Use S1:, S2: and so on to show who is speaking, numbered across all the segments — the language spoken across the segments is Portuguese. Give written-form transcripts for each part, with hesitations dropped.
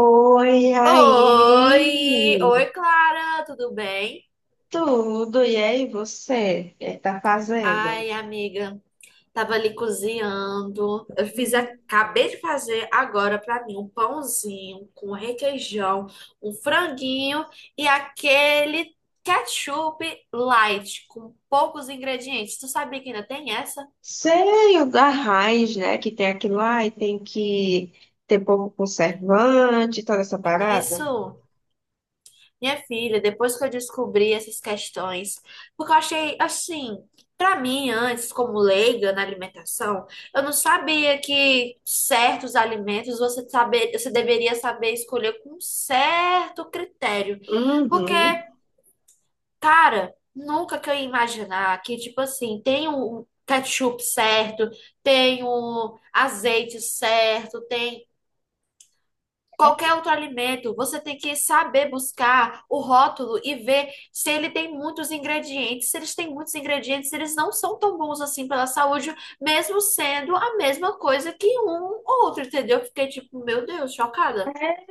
S1: Oi,
S2: Oi!
S1: aí,
S2: Oi, Clara, tudo bem?
S1: tudo, e aí você, o que tá fazendo?
S2: Ai, amiga, tava ali cozinhando. Acabei de fazer agora pra mim um pãozinho com requeijão, um franguinho e aquele ketchup light com poucos ingredientes. Tu sabia que ainda tem essa?
S1: Sei, o da raiz, né, que tem aquilo lá e tem que ter pouco conservante, toda essa parada.
S2: Isso. Minha filha, depois que eu descobri essas questões, porque eu achei assim, pra mim antes, como leiga na alimentação, eu não sabia que certos alimentos você deveria saber escolher com um certo critério. Porque,
S1: Uhum.
S2: cara, nunca que eu ia imaginar que tipo assim, tem o ketchup certo, tem o azeite certo, tem qualquer outro alimento, você tem que saber buscar o rótulo e ver se ele tem muitos ingredientes. Se eles têm muitos ingredientes, eles não são tão bons assim pela saúde, mesmo sendo a mesma coisa que um ou outro, entendeu? Eu fiquei tipo, meu Deus, chocada.
S1: É,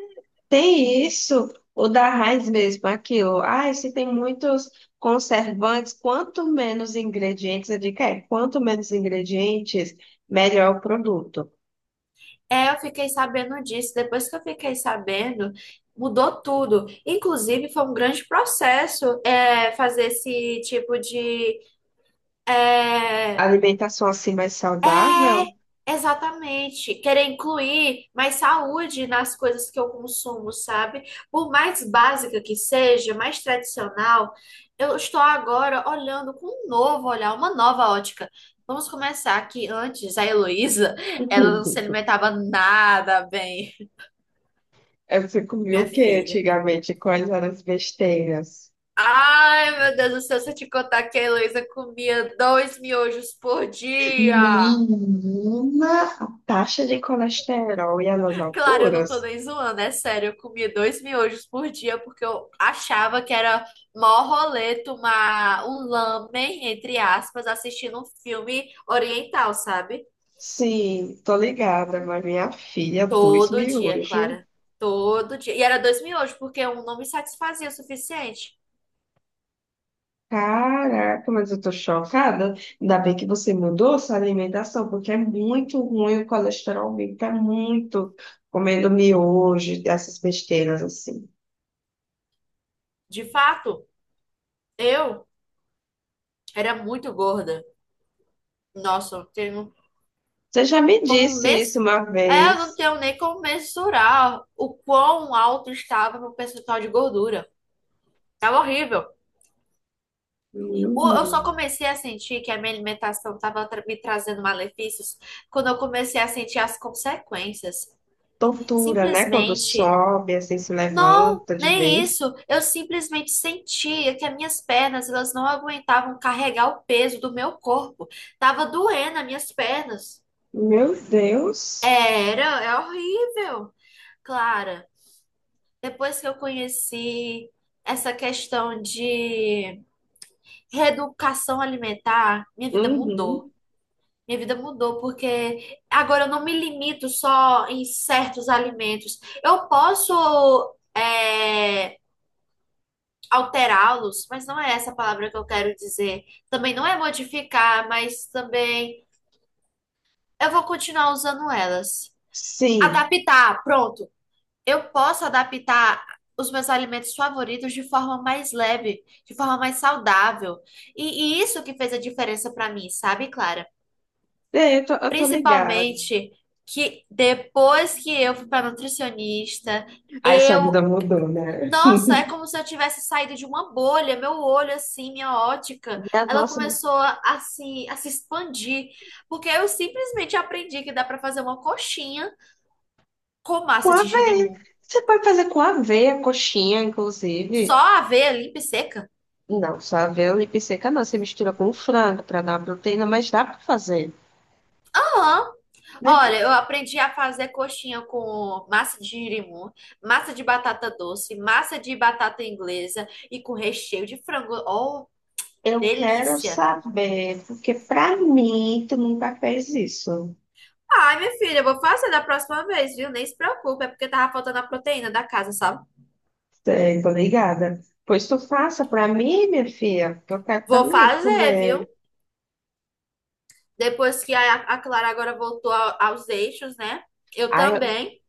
S1: tem isso, o da raiz mesmo, aquilo. Ah, se tem muitos conservantes, quanto menos ingredientes, eu digo, é, quanto menos ingredientes, melhor o produto.
S2: É, eu fiquei sabendo disso. Depois que eu fiquei sabendo, mudou tudo. Inclusive, foi um grande processo, fazer esse tipo de, é,
S1: Alimentação assim mais saudável?
S2: é, exatamente. Querer incluir mais saúde nas coisas que eu consumo, sabe? Por mais básica que seja, mais tradicional, eu estou agora olhando com um novo olhar, uma nova ótica. Vamos começar que antes a Heloísa, ela não se alimentava nada bem,
S1: É, você comia
S2: minha
S1: o que
S2: filha.
S1: antigamente? Quais eram as besteiras?
S2: Ai, meu Deus do céu, se eu te contar que a Heloísa comia dois miojos por dia.
S1: Menina, a taxa de colesterol e as
S2: Claro, eu não
S1: alturas?
S2: tô nem zoando, é sério. Eu comia dois miojos por dia porque eu achava que era mó rolê tomar um lamen, entre aspas, assistindo um filme oriental, sabe?
S1: Sim, tô ligada, mas minha filha, dois
S2: Todo dia,
S1: miúdos.
S2: Clara. Todo dia. E era dois miojos porque um não me satisfazia o suficiente.
S1: Caraca, mas eu tô chocada. Ainda bem que você mudou sua alimentação, porque é muito ruim o colesterol, aumenta muito comendo miojo, essas besteiras assim.
S2: De fato, eu era muito gorda. Nossa, eu tenho
S1: Você já me
S2: como
S1: disse isso
S2: mês.
S1: uma
S2: É, eu não
S1: vez.
S2: tenho nem como mensurar o quão alto estava meu percentual de gordura. Tava horrível. Eu só
S1: Hum.
S2: comecei a sentir que a minha alimentação estava me trazendo malefícios quando eu comecei a sentir as consequências.
S1: Tortura, né? Quando
S2: Simplesmente,
S1: sobe, assim, se
S2: não,
S1: levanta de
S2: nem
S1: vez.
S2: isso. Eu simplesmente sentia que as minhas pernas, elas não aguentavam carregar o peso do meu corpo. Tava doendo as minhas pernas.
S1: Meu Deus.
S2: Era, é horrível. Clara, depois que eu conheci essa questão de reeducação alimentar, minha vida mudou.
S1: Uhum.
S2: Minha vida mudou porque agora eu não me limito só em certos alimentos. Eu posso é, alterá-los, mas não é essa a palavra que eu quero dizer. Também não é modificar, mas também eu vou continuar usando elas.
S1: Sim.
S2: Adaptar, pronto. Eu posso adaptar os meus alimentos favoritos de forma mais leve, de forma mais saudável. E isso que fez a diferença para mim, sabe, Clara?
S1: É, eu tô ligada.
S2: Principalmente que depois que eu fui para nutricionista,
S1: Aí sua vida
S2: eu.
S1: mudou, né?
S2: Nossa, é como se eu tivesse saído de uma bolha. Meu olho, assim, minha ótica,
S1: Minha
S2: ela
S1: nossa,
S2: começou a se expandir. Porque eu simplesmente aprendi que dá para fazer uma coxinha com
S1: com
S2: massa de
S1: aveia.
S2: girimum.
S1: Você pode fazer com aveia, coxinha,
S2: Só
S1: inclusive.
S2: aveia limpa e seca.
S1: Não, só aveia e seca não. Você mistura com frango para dar uma proteína, mas dá para fazer.
S2: Aham.
S1: Meu
S2: Olha, eu aprendi a fazer coxinha com massa de girimum, massa de batata doce, massa de batata inglesa e com recheio de frango. Oh,
S1: Eu quero
S2: delícia.
S1: saber, porque para mim tu nunca fez isso.
S2: Ai, minha filha, eu vou fazer da próxima vez, viu? Nem se preocupe, é porque tava faltando a proteína da casa, sabe?
S1: Sei, tô ligada. Pois tu faça pra mim, minha filha, que eu quero
S2: Vou
S1: também
S2: fazer, viu?
S1: comer.
S2: Depois que a Clara agora aos eixos, né? Eu
S1: Aí eu
S2: também.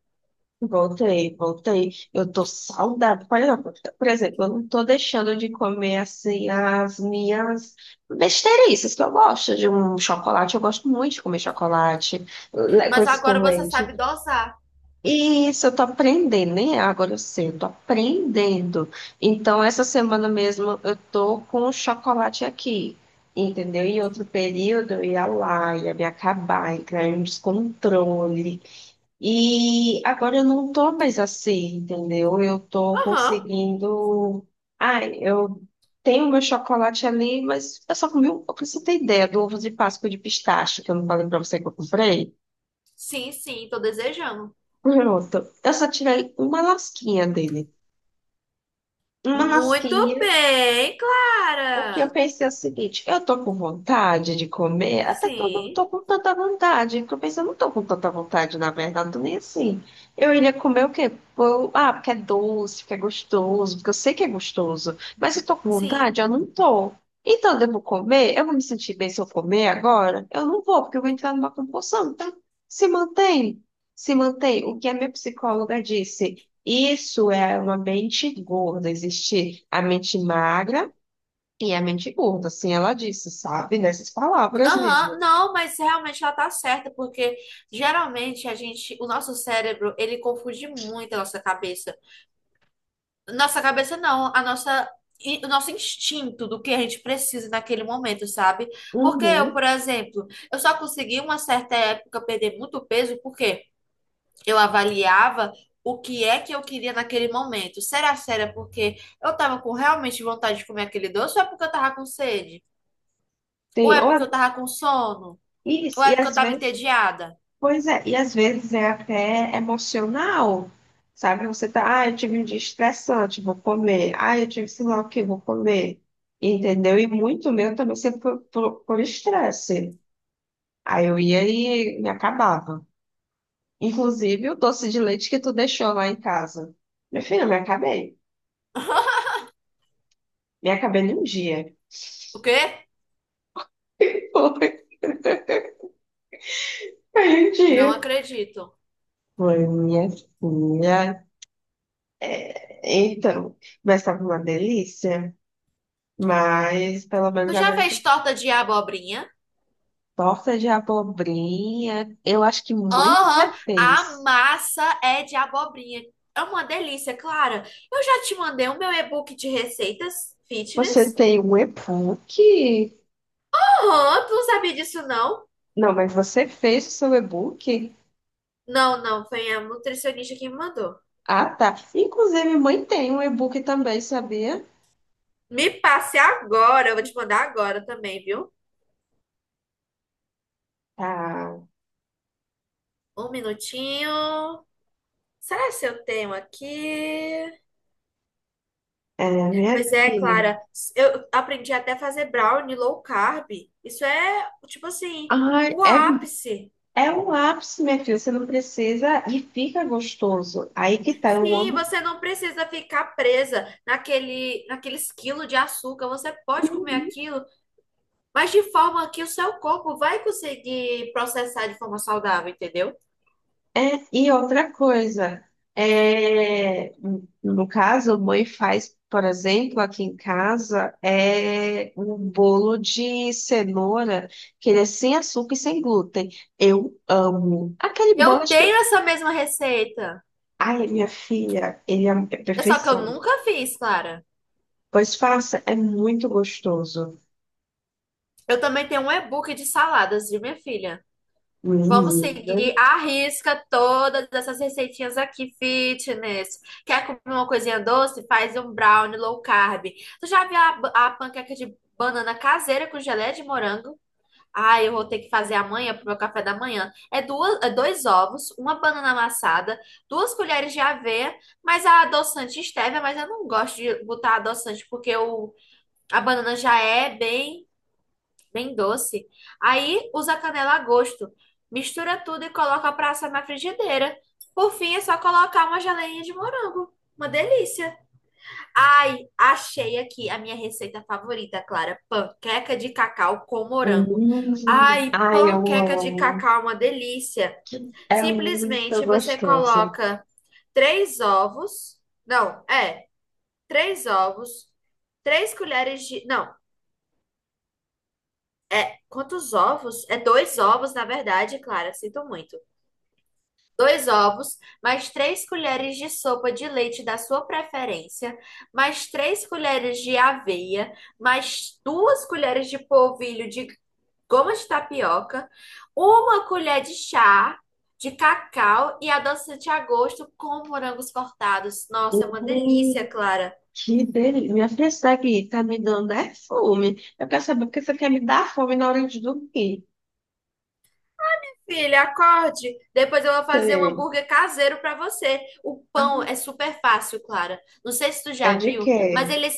S1: voltei, voltei. Eu tô saudável. Por exemplo, eu não tô deixando de comer assim as minhas besteirices que eu gosto de um chocolate. Eu gosto muito de comer chocolate,
S2: Mas
S1: coisas
S2: agora
S1: com
S2: você
S1: leite.
S2: sabe dosar.
S1: Isso, eu tô aprendendo, nem é agora eu sei, eu tô aprendendo. Então, essa semana mesmo eu tô com o chocolate aqui, entendeu? Em outro período eu ia lá, ia me acabar, entrar em descontrole. E agora eu não tô mais assim, entendeu? Eu tô
S2: Aham.
S1: conseguindo. Ai, eu tenho meu chocolate ali, mas eu só comi um pouco, pra você ter ideia, do ovo de Páscoa de pistache, que eu não falei pra você que eu comprei.
S2: Sim, sim, tô desejando.
S1: Pronto. Eu só tirei uma lasquinha dele. Uma
S2: Muito
S1: lasquinha
S2: bem,
S1: porque eu
S2: Clara.
S1: pensei o seguinte, eu tô com vontade de comer, até que eu não
S2: Sim,
S1: tô com tanta vontade. Porque eu pensei, eu não tô com tanta vontade, na verdade, tô nem assim. Eu iria comer o quê? Ah, porque é doce, porque é gostoso, porque eu sei que é gostoso. Mas se eu tô com
S2: sim.
S1: vontade, eu não tô. Então, eu devo comer? Eu vou me sentir bem se eu comer agora? Eu não vou, porque eu vou entrar numa compulsão, tá? Se mantém, se mantém. O que a minha psicóloga disse, isso é uma mente gorda, existe a mente magra e é mente curta, assim ela disse, sabe? Nessas palavras
S2: Aham,
S1: mesmo.
S2: não, mas realmente ela tá certa, porque geralmente a gente, o nosso cérebro, ele confunde muito a nossa cabeça. Nossa cabeça não, o nosso instinto do que a gente precisa naquele momento, sabe? Porque eu,
S1: Uhum.
S2: por exemplo, eu só consegui uma certa época perder muito peso porque eu avaliava o que é que eu queria naquele momento. Será que era porque eu tava com realmente vontade de comer aquele doce ou é porque eu tava com sede? Ou
S1: Tem,
S2: é
S1: ou,
S2: porque eu tava com sono? Ou
S1: isso,
S2: é
S1: e
S2: porque eu
S1: às
S2: tava
S1: vezes,
S2: entediada?
S1: pois é, e às vezes é até emocional, sabe? Você tá, ah, eu tive um dia estressante, vou comer. Ah, eu tive sei lá o que, vou comer. Entendeu? E muito meu também sempre por estresse. Aí eu ia e me acabava. Inclusive o doce de leite que tu deixou lá em casa. Meu filho, eu me acabei. Me acabei num dia.
S2: O quê?
S1: Foi, foi um
S2: Não
S1: dia.
S2: acredito.
S1: Foi minha filha. Então, mas tava uma delícia. Mas pelo menos
S2: Tu já
S1: agora já.
S2: fez torta de abobrinha?
S1: Torta de abobrinha. Eu acho que mãe que já
S2: Aham, a
S1: fez.
S2: massa é de abobrinha. É uma delícia, Clara. Eu já te mandei o meu e-book de receitas
S1: Você
S2: fitness.
S1: tem um e-book?
S2: Aham, tu não sabia disso, não?
S1: Não, mas você fez o seu e-book?
S2: Não, não, foi a nutricionista que me mandou.
S1: Ah, tá. Inclusive, mãe tem um e-book também, sabia?
S2: Me passe agora, eu vou te mandar agora também, viu?
S1: Tá.
S2: Um minutinho. Será que eu tenho aqui?
S1: É, minha
S2: Pois é,
S1: filha.
S2: Clara, eu aprendi até a fazer brownie low carb. Isso é, tipo assim,
S1: Ai,
S2: o
S1: é,
S2: ápice.
S1: é um ápice, minha filha. Você não precisa e fica gostoso. Aí que tá, eu
S2: Sim,
S1: amo.
S2: você não precisa ficar presa naqueles quilos de açúcar. Você pode comer aquilo, mas de forma que o seu corpo vai conseguir processar de forma saudável, entendeu?
S1: É, e outra coisa, é, no caso, a mãe faz, por exemplo, aqui em casa, é um bolo de cenoura, que ele é sem açúcar e sem glúten. Eu amo. Aquele bolo,
S2: Eu
S1: acho que.
S2: tenho essa mesma receita.
S1: Ai, minha filha, ele é
S2: É só que eu
S1: perfeição.
S2: nunca fiz, Clara.
S1: Pois faça, é muito gostoso.
S2: Eu também tenho um e-book de saladas de minha filha. Vamos
S1: Menina.
S2: seguir à risca todas essas receitinhas aqui, fitness. Quer comer uma coisinha doce? Faz um brownie low carb. Tu já viu a panqueca de banana caseira com geleia de morango? Ah, eu vou ter que fazer amanhã pro meu café da manhã. É, é dois ovos, uma banana amassada, duas colheres de aveia, mas a adoçante stevia, mas eu não gosto de botar adoçante porque a banana já é bem doce. Aí usa canela a gosto. Mistura tudo e coloca pra assar na frigideira. Por fim, é só colocar uma geleinha de morango. Uma delícia. Ai, achei aqui a minha receita favorita, Clara. Panqueca de cacau com morango.
S1: Hum.
S2: Ai,
S1: Ai, eu
S2: panqueca de
S1: amo.
S2: cacau, é uma delícia.
S1: É muito
S2: Simplesmente você
S1: gostoso.
S2: coloca três ovos. Não, é, três ovos, três colheres de. Não, É, quantos ovos? é dois ovos, na verdade, Clara, sinto muito. Dois ovos, mais três colheres de sopa de leite da sua preferência, mais três colheres de aveia, mais duas colheres de polvilho de goma de tapioca, uma colher de chá de cacau e adoçante a gosto com morangos cortados. Nossa, é uma delícia,
S1: Hum.
S2: Clara.
S1: Que delícia. Minha filha, isso daqui tá me dando é fome. Eu quero saber porque você quer me dar fome na hora de dormir.
S2: Filha, acorde. Depois eu vou fazer um
S1: Sei.
S2: hambúrguer caseiro para você. O
S1: Ah,
S2: pão é super fácil, Clara. Não sei se tu
S1: é
S2: já
S1: de
S2: viu, mas
S1: quê?
S2: ele é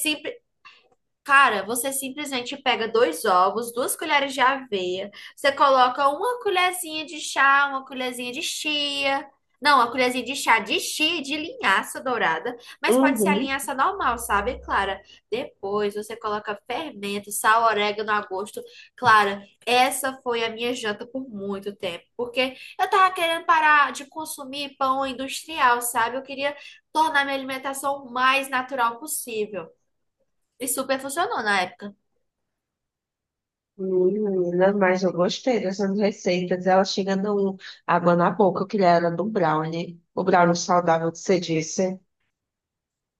S2: cara, você simplesmente pega dois ovos, duas colheres de aveia, você coloca uma colherzinha de chá, uma colherzinha de chia. Não, uma colherzinha de chá de chia, e de linhaça dourada, mas pode ser a
S1: Uhum.
S2: linhaça normal, sabe, Clara? Depois você coloca fermento, sal, orégano a gosto. Clara, essa foi a minha janta por muito tempo, porque eu tava querendo parar de consumir pão industrial, sabe? Eu queria tornar minha alimentação o mais natural possível. E super funcionou na época.
S1: Menina, mas eu gostei dessas receitas. Ela chega dando água na boca. Eu queria era do brownie. O brownie saudável que você disse.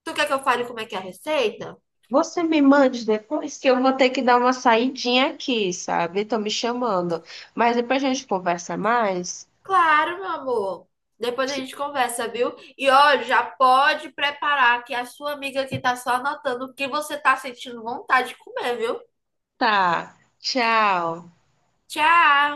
S2: Tu quer que eu fale como é que é a receita?
S1: Você me mande depois que eu vou ter que dar uma saidinha aqui, sabe? Estão me chamando. Mas depois a gente conversa mais.
S2: Claro, meu amor. Depois a gente conversa, viu? E ó, já pode preparar que a sua amiga aqui tá só anotando o que você tá sentindo vontade de comer, viu?
S1: Tá. Tchau.
S2: Tchau!